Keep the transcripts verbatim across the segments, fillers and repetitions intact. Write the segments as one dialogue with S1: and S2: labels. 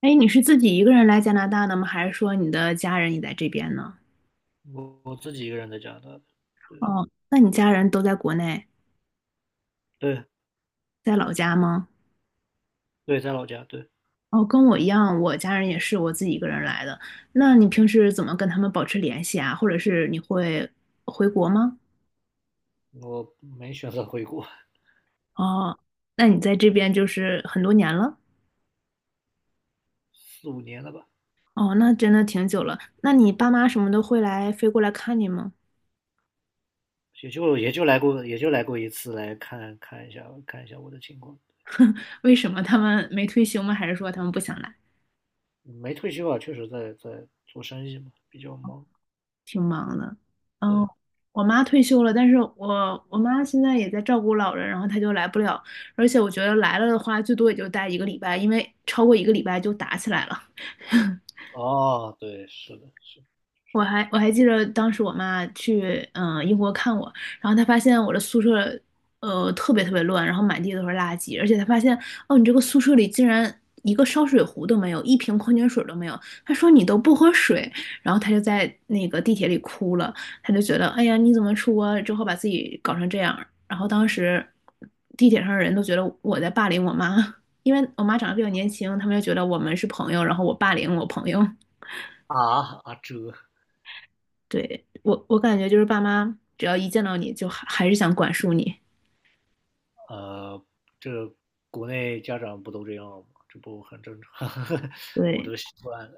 S1: 哎，你是自己一个人来加拿大的吗？还是说你的家人也在这边呢？
S2: 我我自己一个人在加拿大的，对
S1: 哦，那你家人都在国内，
S2: 对
S1: 在老家吗？
S2: 对，在老家，对。
S1: 哦，跟我一样，我家人也是我自己一个人来的。那你平时怎么跟他们保持联系啊？或者是你会回国吗？
S2: 我没选择回国。
S1: 哦，那你在这边就是很多年了？
S2: 四五年了吧。
S1: 哦，那真的挺久了。那你爸妈什么的会来飞过来看你吗？
S2: 也就也就来过，也就来过一次，来看看一下看一下我的情况。
S1: 为什么他们没退休吗？还是说他们不想来？
S2: 嗯没退休啊，确实在在做生意嘛，比较忙。
S1: 挺忙的。然
S2: 对，
S1: 后我妈退休了，但是我我妈现在也在照顾老人，然后她就来不了，而且我觉得来了的话，最多也就待一个礼拜，因为超过一个礼拜就打起来了。
S2: 哦，对，是的，是的是
S1: 我
S2: 的
S1: 还我还记得当时我妈去嗯、呃英国看我，然后她发现我的宿舍呃特别特别乱，然后满地都是垃圾，而且她发现哦你这个宿舍里竟然一个烧水壶都没有，一瓶矿泉水都没有，她说你都不喝水，然后她就在那个地铁里哭了，她就觉得哎呀你怎么出国之后把自己搞成这样，然后当时地铁上的人都觉得我在霸凌我妈，因为我妈长得比较年轻，他们就觉得我们是朋友，然后我霸凌我朋友。
S2: 啊啊这
S1: 对，我我感觉就是爸妈只要一见到你就还还是想管束你。
S2: 呃这国内家长不都这样吗？这不很正常。我
S1: 对，
S2: 都习惯了。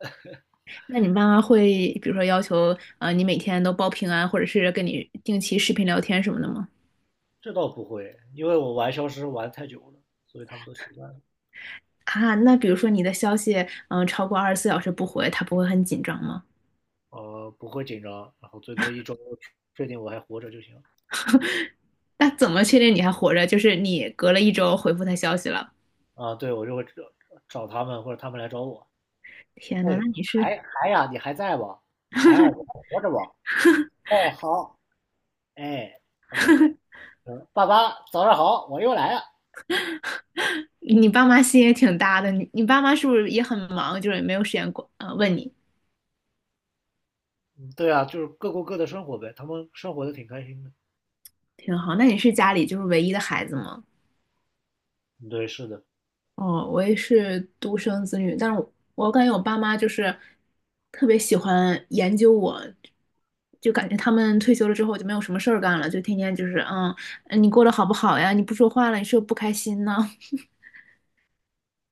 S1: 那你爸妈会比如说要求呃你每天都报平安，或者是跟你定期视频聊天什么的吗？
S2: 这倒不会，因为我玩消失玩太久了，所以他们都习惯了。
S1: 啊，那比如说你的消息嗯、呃超过二十四小时不回，他不会很紧张吗？
S2: 呃，不会紧张，然后最多一周确定我还活着就行。
S1: 那怎么确定你还活着？就是你隔了一周回复他消息了。
S2: 啊，对，我就会找找他们，或者他们来找我。
S1: 天呐，
S2: 哎，
S1: 那你是
S2: 海海呀，你还在不？海尔，你还活着不？哎，好，哎，OK，嗯，爸爸，早上好，我又来了。
S1: 你爸妈心也挺大的，你你爸妈是不是也很忙，就是也没有时间管呃问你？
S2: 嗯对啊，就是各过各的生活呗，他们生活的挺开心的。
S1: 挺好，那你是家里就是唯一的孩子吗？
S2: 嗯对，是的。
S1: 哦，我也是独生子女，但是我我感觉我爸妈就是特别喜欢研究我，就感觉他们退休了之后就没有什么事儿干了，就天天就是嗯，呃你过得好不好呀？你不说话了，你是不是不开心呢？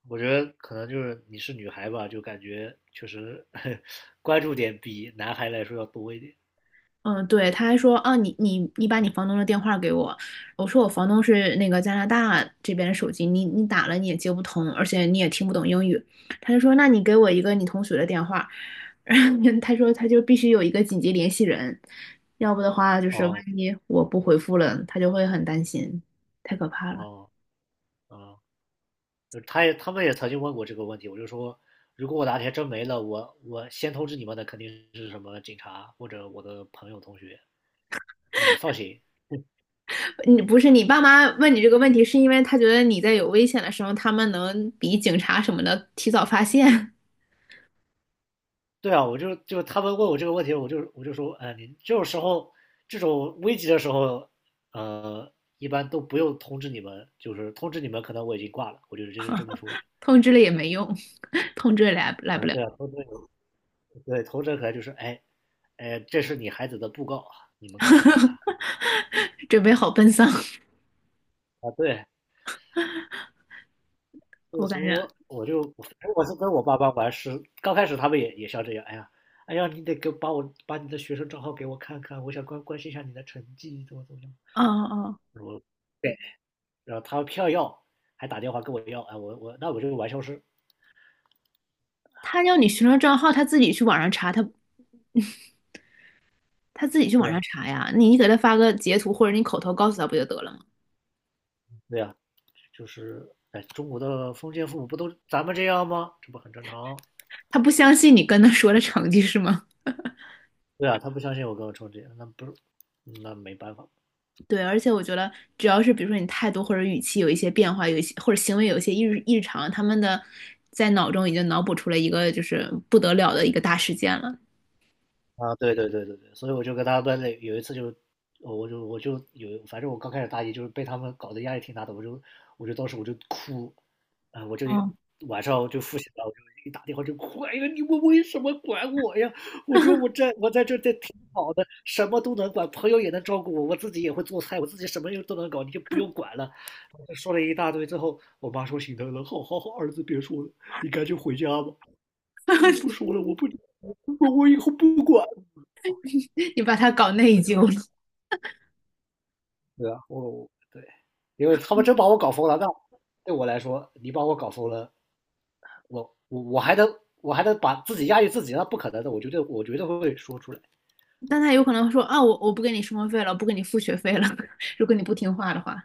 S2: 我觉得可能就是你是女孩吧，就感觉确实 关注点比男孩来说要多一点。
S1: 嗯，对，他还说啊，你你你把你房东的电话给我，我说我房东是那个加拿大这边的手机，你你打了你也接不通，而且你也听不懂英语，他就说那你给我一个你同学的电话，他说他就必须有一个紧急联系人，要不的话就是万
S2: 哦
S1: 一我不回复了，他就会很担心，太可怕了。
S2: 哦哦。啊就是他也他们也曾经问过这个问题，我就说，如果我哪天真没了，我我先通知你们的肯定是什么警察或者我的朋友同学，那你放心。
S1: 你不是你爸妈问你这个问题，是因为他觉得你在有危险的时候，他们能比警察什么的提早发现，
S2: 对啊，我就就他们问我这个问题，我就我就说，哎，你这种时候这种危急的时候，呃，一般都不用通知你们，就是通知你们可能我已经挂了，我就直接就这么说
S1: 通知了也没用，通知也来来
S2: 的。
S1: 不
S2: 啊，
S1: 了。
S2: 对啊，通知你们对通知可能就是，哎哎，这是你孩子的布告啊，你们看一下。
S1: 准备好奔丧。
S2: 啊，对，所
S1: 我
S2: 以
S1: 感觉，
S2: 说，我就我是跟我爸爸玩是，刚开始他们也也像这样，哎呀，哎呀，你得给把我把你的学生账号给我看看，我想关关心一下你的成绩怎么怎么样。
S1: 哦哦，
S2: 我对，然后他票偏要，还打电话跟我要，哎，我我那我就是玩消失。
S1: 他要你学生账号，他自己去网上查，他他自己去
S2: 对
S1: 网上
S2: 啊，
S1: 查呀。你给他发个截图，或者你口头告诉他不就得了吗？
S2: 对啊，就是哎，中国的封建父母不都咱们这样吗？这不很正常？
S1: 他不相信你跟他说的成绩是吗？
S2: 对啊，他不相信我跟我说这样，那不是，那没办法。
S1: 对，而且我觉得，只要是比如说你态度或者语气有一些变化，有一些或者行为有一些异异常，他们的在脑中已经脑补出了一个就是不得了的一个大事件了。
S2: 啊，对对对对对，所以我就跟他们那有一次就，呃我就我就有，反正我刚开始大一就是被他们搞得压力挺大的，我就我就当时我就哭。啊、我就
S1: 哦，
S2: 晚上就复习了，我就一打电话就哭，哎呀，你们为什么管我呀？我说我在我在这这挺好的，什么都能管，朋友也能照顾我，我自己也会做菜，我自己什么又都能搞，你就不用管了。就说了一大堆之后，我妈说心疼了，好好好，儿子别说了，你赶紧回家吧。我不 说了，我不，我我以后不管。
S1: 你把他搞
S2: 他
S1: 内
S2: 们聊
S1: 疚
S2: 这
S1: 了。
S2: 对啊，我对，因为他们真把我搞疯了，那对我来说，你把我搞疯了，我我我还能我还能把自己压抑自己，那不可能的，我绝对我绝对会说出来。
S1: 但他有可能会说啊，我我不给你生活费了，不给你付学费了，如果你不听话的话，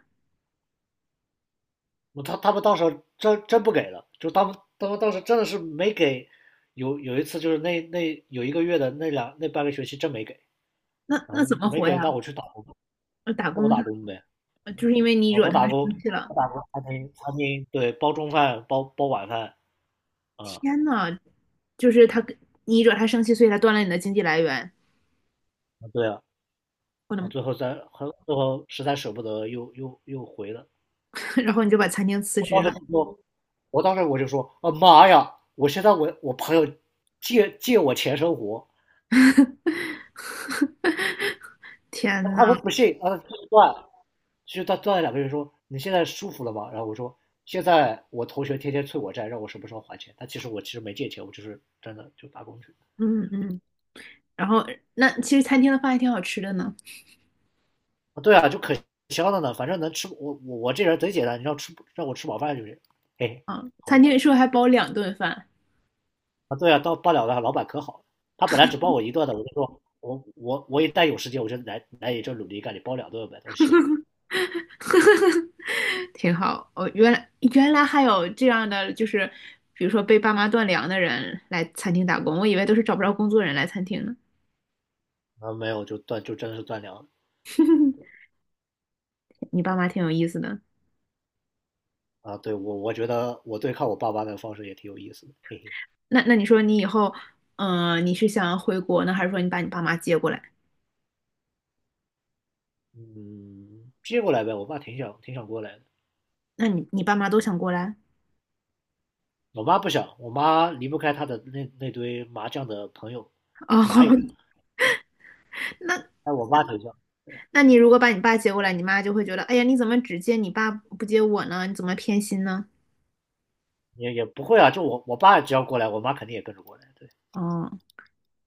S2: 我他他们到时候真真不给了，就他们他们当时真的是没给，有有一次就是那那有一个月的那两那半个学期真没给，
S1: 那
S2: 然
S1: 那
S2: 后
S1: 怎么
S2: 没
S1: 活
S2: 给，那
S1: 呀？
S2: 我去打工，
S1: 呃打
S2: 那我
S1: 工
S2: 打
S1: 就
S2: 工呗。
S1: 呃就是因为你
S2: 啊，
S1: 惹
S2: 我
S1: 他们
S2: 打工
S1: 生气了。
S2: 我打工餐厅餐厅对包中饭包包晚饭。啊、
S1: 天呐，就是他跟你惹他生气，所以他断了你的经济来源，
S2: 嗯，对啊。
S1: 我的
S2: 啊，
S1: 妈
S2: 最后在，后最后实在舍不得又，又又回了。
S1: 然后你就把餐厅辞职
S2: 我
S1: 了。
S2: 当时就说，我当时我就说，啊妈呀！我现在我我朋友借借我钱生活。
S1: 天呐，
S2: 他说不信，啊继续断。其实他断了两个月说，你现在舒服了吗？然后我说现在我同学天天催我债，让我什么时候还钱？他其实我其实没借钱，我就是真的就打工去。
S1: 嗯嗯，然后那其实餐厅的饭还挺好吃的呢，
S2: 啊，对啊，就可香了呢，反正能吃我我我这人贼简单，你让吃让我吃饱饭就行。嘿嘿，好
S1: 餐
S2: 呀。
S1: 厅是不是还包两顿饭？
S2: 啊，对啊，到罢了的老板可好了，他本来只包我一顿的，我就说我我我一旦有时间，我就来来你这努力干，你包两顿呗，都行。
S1: 挺好。哦，原来原来还有这样的，就是比如说被爸妈断粮的人来餐厅打工，我以为都是找不着工作人来餐厅呢。
S2: 啊没有就断就真的是断粮。
S1: 你爸妈挺有意思的。
S2: 啊，对，我我觉得我对抗我爸妈的方式也挺有意思的，嘿嘿。
S1: 那那你说你以后，嗯、你是想回国呢，还是说你把你爸妈接过来？
S2: 嗯，接过来呗，我爸挺想挺想过来的。
S1: 那你你爸妈都想过来？
S2: 我妈不想，我妈离不开她的那那堆麻将的朋友，
S1: 哦，
S2: 麻 友，
S1: 那
S2: 但我妈挺想。
S1: 那你如果把你爸接过来，你妈就会觉得，哎呀，你怎么只接你爸不接我呢？你怎么偏心呢？
S2: 也也不会啊，就我我爸只要过来，我妈肯定也跟着过来，对。
S1: 哦，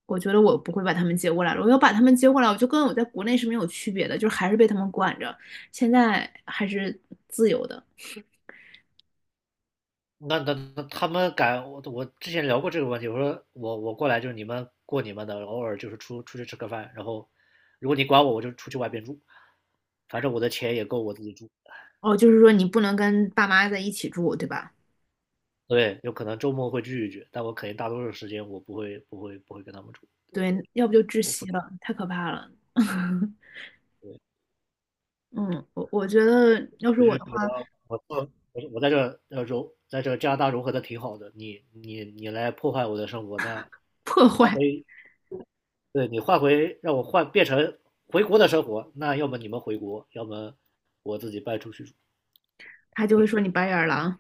S1: 我觉得我不会把他们接过来了。我要把他们接过来，我就跟我在国内是没有区别的，就是还是被他们管着。现在还是自由的。
S2: 那那那他们敢我我之前聊过这个问题，我说我我过来就是你们过你们的，偶尔就是出出去吃个饭，然后如果你管我，我就出去外边住。反正我的钱也够我自己住。
S1: 哦，就是说你不能跟爸妈在一起住，对吧？
S2: 对，有可能周末会聚一聚，但我肯定大多数时间我不会不会不会跟他们住。
S1: 对，要不就窒
S2: 我不
S1: 息
S2: 对，
S1: 了，太可怕了。嗯，我我觉得要是
S2: 我
S1: 我
S2: 是
S1: 的话，
S2: 觉得我做我我在这呃融在这加拿大融合的挺好的，你你你来破坏我的生活，那
S1: 破
S2: 那
S1: 坏
S2: 可以，对你换回让我换变成回国的生活，那要么你们回国，要么我自己搬出去住。
S1: 他就会说你白眼狼，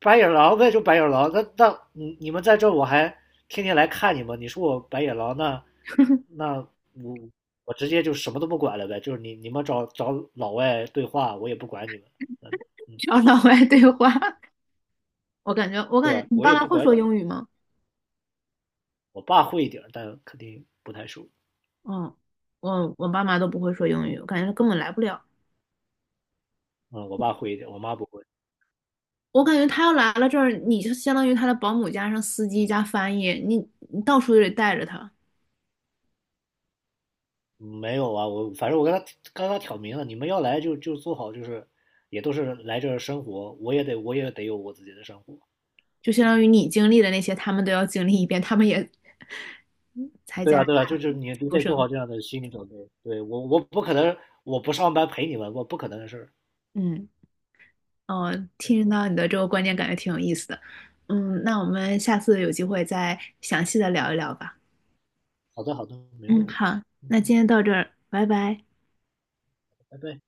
S2: 白眼狼呗，就白眼狼。那那你你们在这儿我还天天来看你们。你说我白眼狼，那那我我直接就什么都不管了呗。就是你你们找找老外对话，我也不管你们。嗯嗯，
S1: 找老外对话。我感觉，我
S2: 对
S1: 感觉
S2: 吧？
S1: 你
S2: 我
S1: 爸
S2: 也
S1: 妈
S2: 不
S1: 会
S2: 管
S1: 说
S2: 你们。
S1: 英语吗？
S2: 我爸会一点但肯定不太熟。
S1: 嗯，我我爸妈都不会说英语，我感觉根本来不了。
S2: 嗯，我爸会一点，我妈不会。
S1: 我感觉他要来了这儿，你就相当于他的保姆加上司机加翻译，你你到处就得带着他，
S2: 没有啊，我反正我跟他刚刚挑明了，你们要来就就做好，就是也都是来这儿生活，我也得我也得有我自己的生活。
S1: 就相当于你经历的那些，他们都要经历一遍，他们也才
S2: 对
S1: 加
S2: 啊，
S1: 拿
S2: 对啊，就
S1: 大
S2: 是你你
S1: 出
S2: 得做
S1: 生。
S2: 好这样的心理准备。对，我我不可能我不上班陪你们，我不可能的事儿。
S1: 嗯，哦，听到你的这个观点，感觉挺有意思的。嗯，那我们下次有机会再详细的聊一聊吧。
S2: 好的，好的，没问
S1: 嗯，
S2: 题。
S1: 好，
S2: 嗯，
S1: 那今天到这儿，拜拜。
S2: 拜拜。